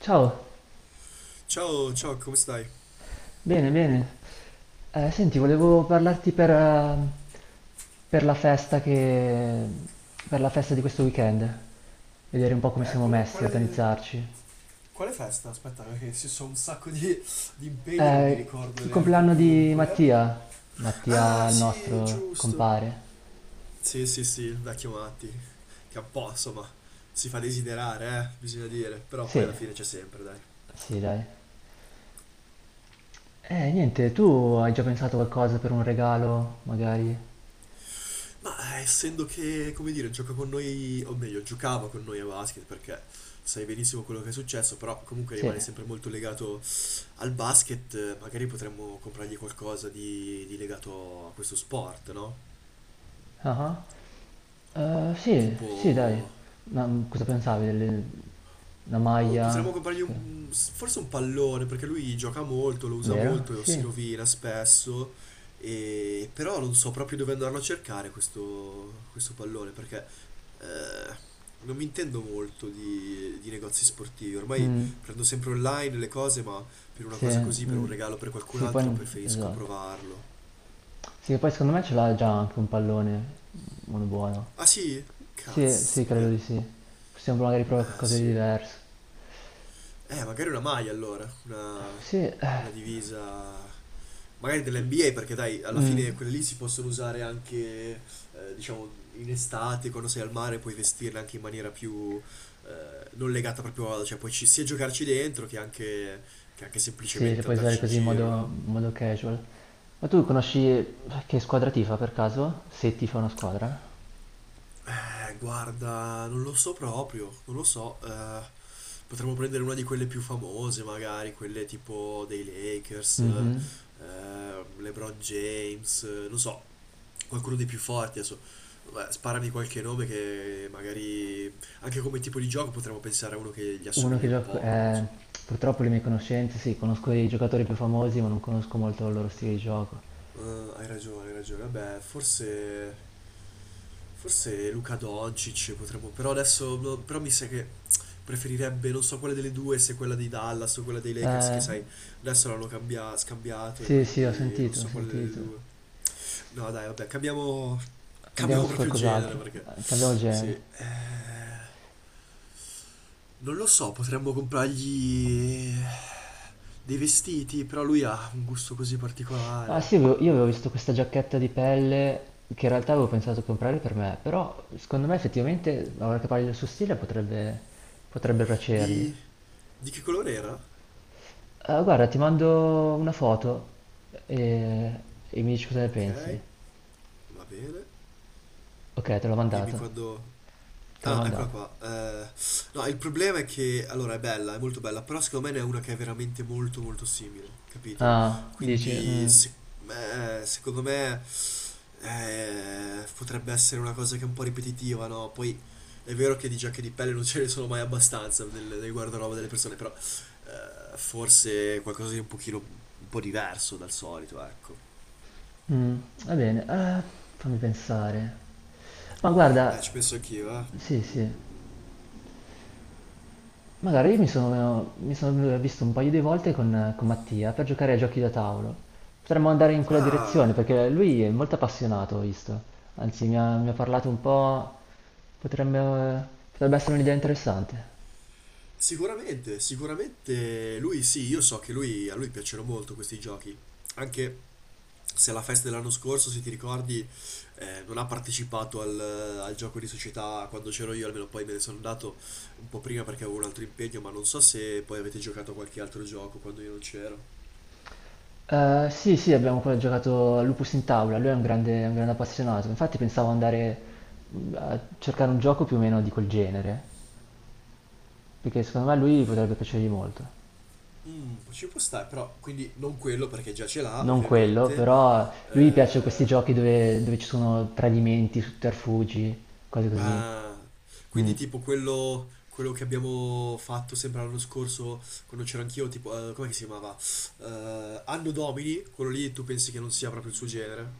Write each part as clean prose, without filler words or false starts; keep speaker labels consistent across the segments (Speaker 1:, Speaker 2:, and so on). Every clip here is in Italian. Speaker 1: Ciao,
Speaker 2: Ciao, ciao, come stai?
Speaker 1: bene, bene. Senti, volevo parlarti per la festa per la festa di questo weekend, vedere un po' come
Speaker 2: Eh,
Speaker 1: siamo
Speaker 2: quale,
Speaker 1: messi,
Speaker 2: quale-
Speaker 1: organizzarci.
Speaker 2: quale festa? Aspetta, perché ci sono un sacco di impegni, non mi
Speaker 1: Eh,
Speaker 2: ricordo
Speaker 1: il
Speaker 2: neanche
Speaker 1: compleanno
Speaker 2: più
Speaker 1: di
Speaker 2: qual era.
Speaker 1: Mattia,
Speaker 2: Ah,
Speaker 1: Mattia, il
Speaker 2: sì,
Speaker 1: nostro
Speaker 2: giusto.
Speaker 1: compare.
Speaker 2: Sì, sì, sì, il vecchio Matti, che un po', insomma, si fa desiderare, bisogna dire, però poi
Speaker 1: Sì,
Speaker 2: alla fine c'è sempre, dai.
Speaker 1: sì, dai. Niente, tu hai già pensato qualcosa per un regalo, magari?
Speaker 2: Ma essendo che, come dire, gioca con noi, o meglio, giocava con noi a basket, perché sai benissimo quello che è successo, però comunque
Speaker 1: Sì.
Speaker 2: rimane sempre molto legato al basket. Magari potremmo comprargli qualcosa di legato a questo sport, no?
Speaker 1: Ah ah. Sì, sì, dai.
Speaker 2: Tipo...
Speaker 1: Ma cosa pensavi? Delle... Una
Speaker 2: O potremmo
Speaker 1: maglia?
Speaker 2: comprargli
Speaker 1: Sc-
Speaker 2: un, forse un pallone, perché lui gioca molto, lo usa
Speaker 1: Vero?
Speaker 2: molto, si
Speaker 1: Sì.
Speaker 2: rovina spesso, e, però non so proprio dove andarlo a cercare questo, questo pallone, perché eh, non mi intendo molto di negozi sportivi. Ormai
Speaker 1: Mm,
Speaker 2: prendo sempre online le cose, ma per una
Speaker 1: sì,
Speaker 2: cosa così, per
Speaker 1: mm,
Speaker 2: un regalo per qualcun
Speaker 1: sì, poi...
Speaker 2: altro, preferisco
Speaker 1: Esatto.
Speaker 2: provarlo.
Speaker 1: Sì, poi secondo me ce l'ha già anche un pallone, uno buono.
Speaker 2: Ah sì?
Speaker 1: Sì, sì, credo
Speaker 2: Caspita.
Speaker 1: di sì. Possiamo magari provare
Speaker 2: Eh
Speaker 1: qualcosa di
Speaker 2: sì.
Speaker 1: diverso.
Speaker 2: Magari una maglia allora,
Speaker 1: Sì,
Speaker 2: una divisa, magari dell'NBA perché dai, alla
Speaker 1: mm,
Speaker 2: fine quelle lì si possono usare anche, diciamo, in estate, quando sei al mare puoi vestirle anche in maniera più, non legata proprio a, cioè puoi sia giocarci dentro che anche
Speaker 1: sì, le
Speaker 2: semplicemente
Speaker 1: puoi usare
Speaker 2: andarci in
Speaker 1: così in modo,
Speaker 2: giro, no?
Speaker 1: in modo casual. Ma tu conosci che squadra tifa per caso? Se tifa una squadra?
Speaker 2: Guarda, non lo so proprio, non lo so. Potremmo prendere una di quelle più famose, magari, quelle tipo dei Lakers,
Speaker 1: Mhm.
Speaker 2: LeBron James, non so, qualcuno dei più forti adesso. Beh, sparami qualche nome che magari anche come tipo di gioco potremmo pensare a uno che gli
Speaker 1: Uno
Speaker 2: assomigli
Speaker 1: che
Speaker 2: un
Speaker 1: gioco...
Speaker 2: po', non lo so.
Speaker 1: purtroppo le mie conoscenze, sì, conosco i giocatori più famosi, ma non conosco molto il loro stile di gioco.
Speaker 2: Hai ragione, hai ragione. Vabbè, forse, forse Luka Doncic potremmo. Però adesso, no, però mi sa che preferirebbe, non so quale delle due, se quella dei Dallas o quella dei Lakers, che
Speaker 1: Eh,
Speaker 2: sai, adesso l'hanno scambiato e
Speaker 1: sì, sì, ho
Speaker 2: quindi non
Speaker 1: sentito, ho
Speaker 2: so quale delle
Speaker 1: sentito.
Speaker 2: due. No, dai, vabbè, cambiamo.
Speaker 1: Andiamo
Speaker 2: Cambiamo
Speaker 1: su
Speaker 2: proprio genere
Speaker 1: qualcos'altro,
Speaker 2: perché.
Speaker 1: cambiamo
Speaker 2: Sì.
Speaker 1: genere.
Speaker 2: Non lo so, potremmo comprargli dei vestiti, però lui ha un gusto così
Speaker 1: Ah
Speaker 2: particolare.
Speaker 1: sì, avevo- io avevo visto questa giacchetta di pelle che in realtà avevo pensato di comprare per me, però secondo me effettivamente, ora che parli del suo stile, potrebbe, potrebbe piacergli.
Speaker 2: Di. Di che colore era?
Speaker 1: Guarda, ti mando una foto e, e mi dici cosa ne
Speaker 2: Ok,
Speaker 1: pensi.
Speaker 2: va bene.
Speaker 1: Ok, te l'ho
Speaker 2: Dimmi
Speaker 1: mandato,
Speaker 2: quando...
Speaker 1: te l'ho
Speaker 2: Ah, eccola
Speaker 1: mandato.
Speaker 2: qua. No, il problema è che, allora, è bella, è molto bella, però secondo me ne è una che è veramente molto molto simile, capito?
Speaker 1: Ah, dici,
Speaker 2: Quindi,
Speaker 1: mm,
Speaker 2: se- Secondo me, potrebbe essere una cosa che è un po' ripetitiva, no? Poi è vero che di giacche di pelle non ce ne sono mai abbastanza nel, nel guardaroba delle persone, però forse qualcosa di un pochino, un po' diverso dal solito, ecco.
Speaker 1: mm, va bene, fammi pensare. Ma
Speaker 2: Ci
Speaker 1: guarda,
Speaker 2: penso anch'io, eh.
Speaker 1: sì, sì, magari mi sono visto un paio di volte con Mattia per giocare ai giochi da tavolo. Potremmo andare in quella
Speaker 2: Ah...
Speaker 1: direzione perché lui è molto appassionato, ho visto. Anzi, mi ha parlato un po', potrebbe, potrebbe essere un'idea interessante.
Speaker 2: Sicuramente, sicuramente lui sì, io so che lui, a lui piacciono molto questi giochi, anche se alla festa dell'anno scorso, se ti ricordi, non ha partecipato al, al gioco di società quando c'ero io, almeno poi me ne sono andato un po' prima perché avevo un altro impegno, ma non so se poi avete giocato a qualche altro gioco quando io non c'ero.
Speaker 1: Sì, sì, abbiamo ancora giocato a Lupus in tavola, lui è un grande appassionato, infatti pensavo andare a cercare un gioco più o meno di quel genere, perché secondo me a lui potrebbe piacergli molto.
Speaker 2: Mm, ci può stare, però quindi non quello perché già ce l'ha,
Speaker 1: Non quello,
Speaker 2: ovviamente.
Speaker 1: però lui piace questi
Speaker 2: eh,
Speaker 1: giochi dove, dove ci sono tradimenti, sotterfugi, cose così.
Speaker 2: Ah,
Speaker 1: Mm.
Speaker 2: quindi tipo quello, quello che abbiamo fatto sempre l'anno scorso, quando c'ero anch'io, tipo, come si chiamava? Anno Domini, quello lì tu pensi che non sia proprio il suo genere?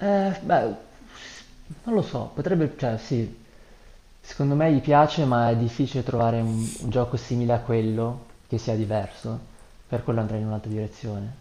Speaker 1: Beh, non lo so, potrebbe, cioè sì, secondo me gli piace, ma è difficile trovare un gioco simile a quello che sia diverso, per quello andrei in un'altra direzione.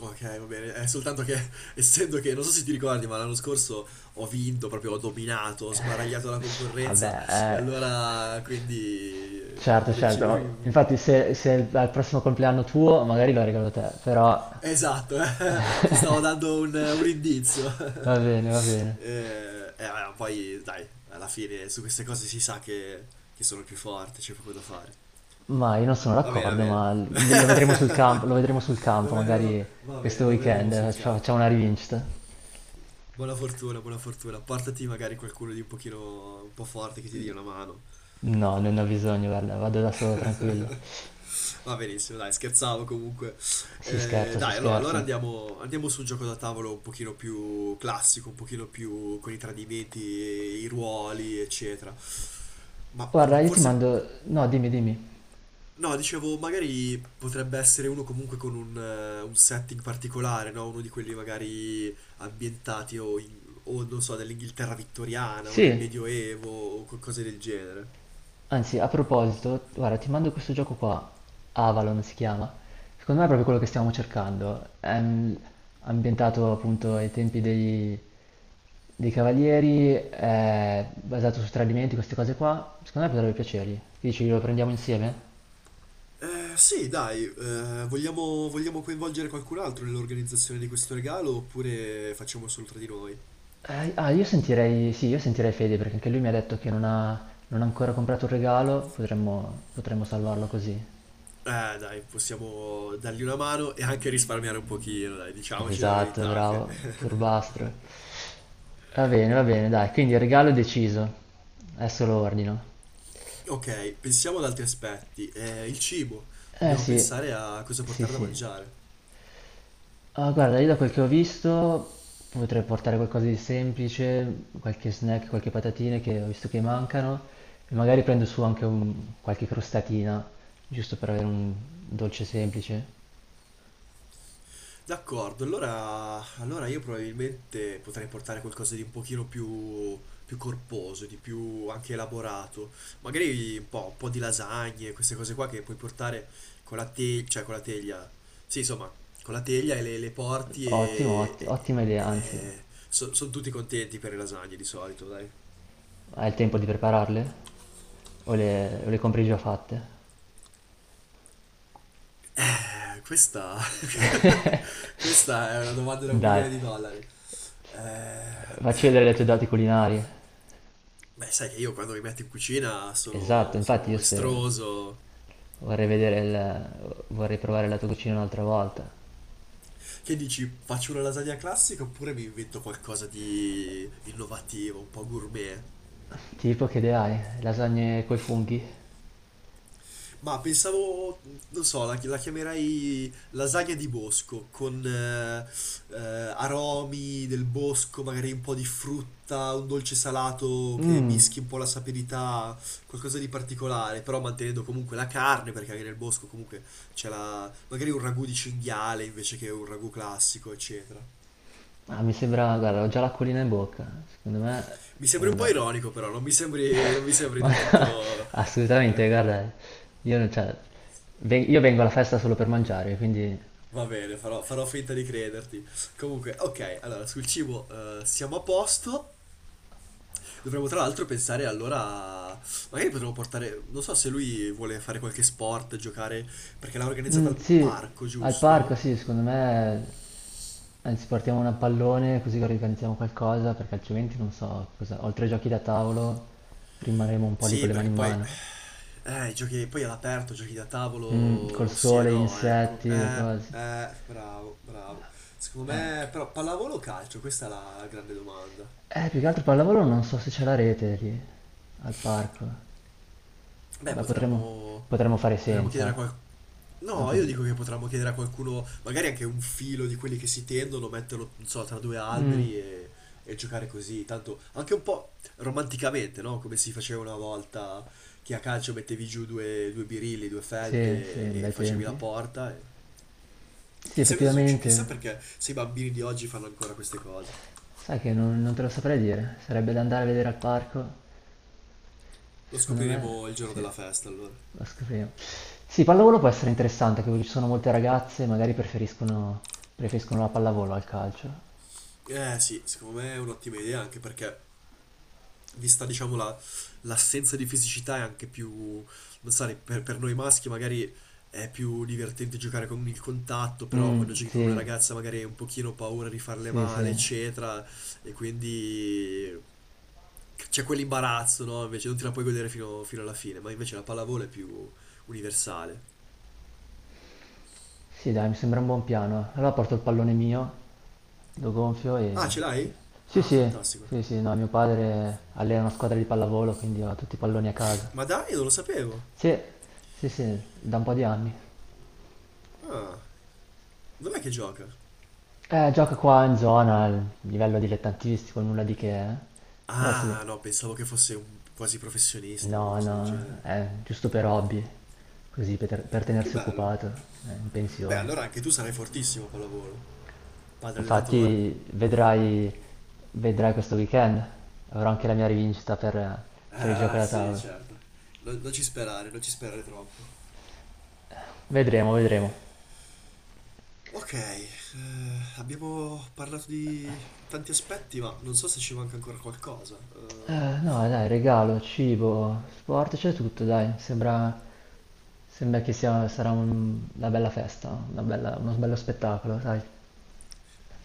Speaker 2: Ok, va bene, è soltanto che, essendo che, non so se ti ricordi, ma l'anno scorso ho vinto, proprio ho dominato, ho sbaragliato la concorrenza,
Speaker 1: Vabbè,
Speaker 2: e
Speaker 1: eh,
Speaker 2: allora, quindi,
Speaker 1: certo,
Speaker 2: ho deciso.
Speaker 1: certo. Infatti, se, se al prossimo compleanno tuo, magari lo regalo a te, però
Speaker 2: Esatto, ti stavo dando un indizio.
Speaker 1: va bene, va bene.
Speaker 2: Ma poi dai, alla fine su queste cose si sa che sono il più forte, c'è poco da fare.
Speaker 1: Ma io non sono
Speaker 2: Va bene, va
Speaker 1: d'accordo,
Speaker 2: bene.
Speaker 1: ma l- ve- lo vedremo sul campo, lo vedremo sul
Speaker 2: Lo
Speaker 1: campo,
Speaker 2: vedremo,
Speaker 1: magari
Speaker 2: va
Speaker 1: questo
Speaker 2: bene, lo vedremo
Speaker 1: weekend
Speaker 2: sul
Speaker 1: faccia- facciamo una
Speaker 2: campo.
Speaker 1: rivincita.
Speaker 2: Buona fortuna, buona fortuna. Portati magari qualcuno di un pochino, un po' forte che ti dia una mano.
Speaker 1: No, non ho bisogno, guarda, vado da solo, tranquillo.
Speaker 2: Va benissimo, dai, scherzavo comunque.
Speaker 1: Si scherza, si
Speaker 2: Dai, allora, allora
Speaker 1: scherza.
Speaker 2: andiamo, andiamo su un gioco da tavolo un pochino più classico, un pochino più con i tradimenti, e i ruoli, eccetera. Ma mm,
Speaker 1: Guarda, io ti
Speaker 2: forse,
Speaker 1: mando... No, dimmi, dimmi.
Speaker 2: no, dicevo, magari potrebbe essere uno comunque con un setting particolare, no? Uno di quelli magari ambientati o non so, nell'Inghilterra vittoriana o nel
Speaker 1: Sì.
Speaker 2: Medioevo o cose del genere.
Speaker 1: Anzi, a proposito, guarda, ti mando questo gioco qua, Avalon si chiama. Secondo me è proprio quello che stiamo cercando. È ambientato appunto ai tempi dei, dei Cavalieri, è basato su tradimenti, queste cose qua. Secondo me potrebbe piacergli. Che dici, lo prendiamo insieme?
Speaker 2: Sì, dai, vogliamo, vogliamo coinvolgere qualcun altro nell'organizzazione di questo regalo oppure facciamo solo tra di noi?
Speaker 1: Io sentirei, sì, io sentirei Fede perché anche lui mi ha detto che non ha, non ha ancora comprato un regalo, potremmo, potremmo salvarlo così.
Speaker 2: Dai, possiamo dargli una mano e anche risparmiare un pochino, dai, diciamoci la
Speaker 1: Esatto,
Speaker 2: verità.
Speaker 1: bravo, furbastro. Va bene, dai, quindi il regalo è deciso. Adesso lo ordino.
Speaker 2: Ok, pensiamo ad altri aspetti. Il cibo,
Speaker 1: Eh
Speaker 2: dobbiamo
Speaker 1: sì,
Speaker 2: pensare a cosa
Speaker 1: sì
Speaker 2: portare da
Speaker 1: sì.
Speaker 2: mangiare.
Speaker 1: Ah, guarda, io da quel che ho visto potrei portare qualcosa di semplice, qualche snack, qualche patatine che ho visto che mancano e magari prendo su anche un- qualche crostatina, giusto per avere un dolce semplice.
Speaker 2: D'accordo, allora, allora io probabilmente potrei portare qualcosa di un pochino più, più corposo, di più anche elaborato. Magari un po' di lasagne, queste cose qua che puoi portare con la teglia, cioè con la teglia. Sì, insomma, con la teglia e le porti
Speaker 1: Ottimo,
Speaker 2: e,
Speaker 1: otti- ottima idea, anzi,
Speaker 2: sono tutti contenti per le lasagne di solito, dai.
Speaker 1: hai il tempo di prepararle? O le compri già fatte?
Speaker 2: Questa... questa è una domanda da un
Speaker 1: Dai,
Speaker 2: milione di dollari. Eh,
Speaker 1: facci vedere le tue doti culinarie.
Speaker 2: Beh, sai che io quando mi metto in cucina
Speaker 1: Esatto,
Speaker 2: sono,
Speaker 1: infatti
Speaker 2: sono
Speaker 1: io spero,
Speaker 2: estroso.
Speaker 1: vorrei vedere il, vorrei provare la tua cucina un'altra volta.
Speaker 2: Che dici, faccio una lasagna classica oppure mi invento qualcosa di innovativo, un po' gourmet?
Speaker 1: Tipo che idea hai? Lasagne coi funghi?
Speaker 2: Ma pensavo, non so, la, la chiamerei lasagna di bosco, con aromi del bosco, magari un po' di frutta, un dolce salato che
Speaker 1: Mmm,
Speaker 2: mischi un po' la sapidità, qualcosa di particolare, però mantenendo comunque la carne, perché anche nel bosco comunque c'è la, magari un ragù di cinghiale invece che un ragù classico, eccetera.
Speaker 1: ah, mi sembra, guarda, ho già l'acquolina in bocca, secondo me
Speaker 2: Mi
Speaker 1: puoi
Speaker 2: sembri un po'
Speaker 1: andare.
Speaker 2: ironico, però, non mi sembri, non mi sembri
Speaker 1: Ma
Speaker 2: del tutto.
Speaker 1: assolutamente, guarda, io non c'è, ven- io vengo alla festa solo per mangiare, quindi...
Speaker 2: Va bene, farò, farò finta di crederti. Comunque, ok, allora sul cibo siamo a posto. Dovremmo tra l'altro pensare allora, magari potremmo portare, non so se lui vuole fare qualche sport, giocare, perché l'ha organizzata
Speaker 1: Mm,
Speaker 2: al
Speaker 1: sì,
Speaker 2: parco,
Speaker 1: al parco
Speaker 2: giusto?
Speaker 1: sì, secondo me anzi, partiamo una pallone così che organizziamo qualcosa, perché altrimenti non so cosa. Oltre ai giochi da tavolo, rimarremo un po' lì con
Speaker 2: Sì,
Speaker 1: le
Speaker 2: perché
Speaker 1: mani in
Speaker 2: poi,
Speaker 1: mano.
Speaker 2: i giochi, poi all'aperto, giochi da
Speaker 1: Mm, col
Speaker 2: tavolo, sì e
Speaker 1: sole, gli
Speaker 2: no, ecco.
Speaker 1: insetti, le cose.
Speaker 2: Bravo, bravo. Secondo me, però, pallavolo o calcio? Questa è la grande domanda.
Speaker 1: Più che altro pallavolo non so se c'è la rete lì, al parco.
Speaker 2: Beh,
Speaker 1: Beh, potremmo,
Speaker 2: potremmo,
Speaker 1: potremmo fare
Speaker 2: potremmo chiedere a
Speaker 1: senza.
Speaker 2: qualcuno... No,
Speaker 1: Dopo...
Speaker 2: io dico che potremmo chiedere a qualcuno, magari anche un filo di quelli che si tendono, metterlo, non so, tra due
Speaker 1: Mm,
Speaker 2: alberi e giocare così. Tanto anche un po' romanticamente, no? Come si faceva una volta che a calcio mettevi giù due, due birilli, due
Speaker 1: sì, sì,
Speaker 2: felpe e
Speaker 1: bei
Speaker 2: facevi la
Speaker 1: tempi.
Speaker 2: porta.
Speaker 1: Sì,
Speaker 2: Chissà cosa succede, chissà
Speaker 1: effettivamente,
Speaker 2: perché se i bambini di oggi fanno ancora queste cose.
Speaker 1: sai che non, non te lo saprei dire. Sarebbe da andare a vedere al parco.
Speaker 2: Lo
Speaker 1: Secondo me,
Speaker 2: scopriremo il giorno
Speaker 1: sì.
Speaker 2: della festa, allora.
Speaker 1: Lo scopriamo. Sì, pallavolo può essere interessante, anche perché ci sono molte ragazze, magari preferiscono, preferiscono la pallavolo al calcio.
Speaker 2: Eh sì, secondo me è un'ottima idea anche perché vista diciamo l'assenza di fisicità è anche più, non so, per noi maschi magari è più divertente giocare con il contatto, però
Speaker 1: Mm,
Speaker 2: quando giochi con una
Speaker 1: sì,
Speaker 2: ragazza magari hai un pochino paura di farle
Speaker 1: sì,
Speaker 2: male,
Speaker 1: sì.
Speaker 2: eccetera, e quindi c'è quell'imbarazzo, no? Invece non te la puoi godere fino, fino alla fine, ma invece la pallavolo è più universale.
Speaker 1: Sì, dai, mi sembra un buon piano. Allora porto il pallone mio, lo gonfio e...
Speaker 2: Ah, ce
Speaker 1: Sì,
Speaker 2: l'hai?
Speaker 1: sì,
Speaker 2: Ah,
Speaker 1: sì,
Speaker 2: fantastico.
Speaker 1: sì, sì, no, mio padre allena una squadra di pallavolo, quindi ho tutti i palloni a casa.
Speaker 2: Ma dai, non lo sapevo.
Speaker 1: Sì, sì, sì, da un po' di anni.
Speaker 2: Ah, dov'è che gioca?
Speaker 1: Gioca qua in zona, al livello dilettantistico, nulla di che, eh. Però sì.
Speaker 2: Ah, no, pensavo che fosse un quasi professionista o
Speaker 1: No,
Speaker 2: qualcosa del
Speaker 1: no,
Speaker 2: genere.
Speaker 1: è giusto per hobby, così per
Speaker 2: Che
Speaker 1: tenersi
Speaker 2: bello.
Speaker 1: occupato, in
Speaker 2: Beh,
Speaker 1: pensione.
Speaker 2: allora anche tu sarai fortissimo a pallavolo. Padre allenatore.
Speaker 1: Infatti vedrai, vedrai questo weekend, avrò anche la mia rivincita per il gioco
Speaker 2: Ah,
Speaker 1: da
Speaker 2: sì,
Speaker 1: tavola.
Speaker 2: certo. Non, non ci sperare, non ci sperare troppo.
Speaker 1: Vedremo, vedremo.
Speaker 2: Ok, abbiamo parlato di tanti aspetti, ma non so se ci manca ancora qualcosa.
Speaker 1: Eh, no, dai, regalo, cibo, sport, c'è tutto, dai, sembra, sembra che sia, sarà un- una bella festa, una bella- uno bello spettacolo, dai.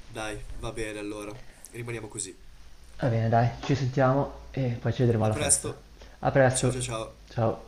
Speaker 2: Dai, va bene allora. Rimaniamo così.
Speaker 1: Va bene, dai, ci sentiamo e poi ci vedremo
Speaker 2: A
Speaker 1: alla festa.
Speaker 2: presto.
Speaker 1: A
Speaker 2: Ciao
Speaker 1: presto,
Speaker 2: ciao ciao.
Speaker 1: ciao.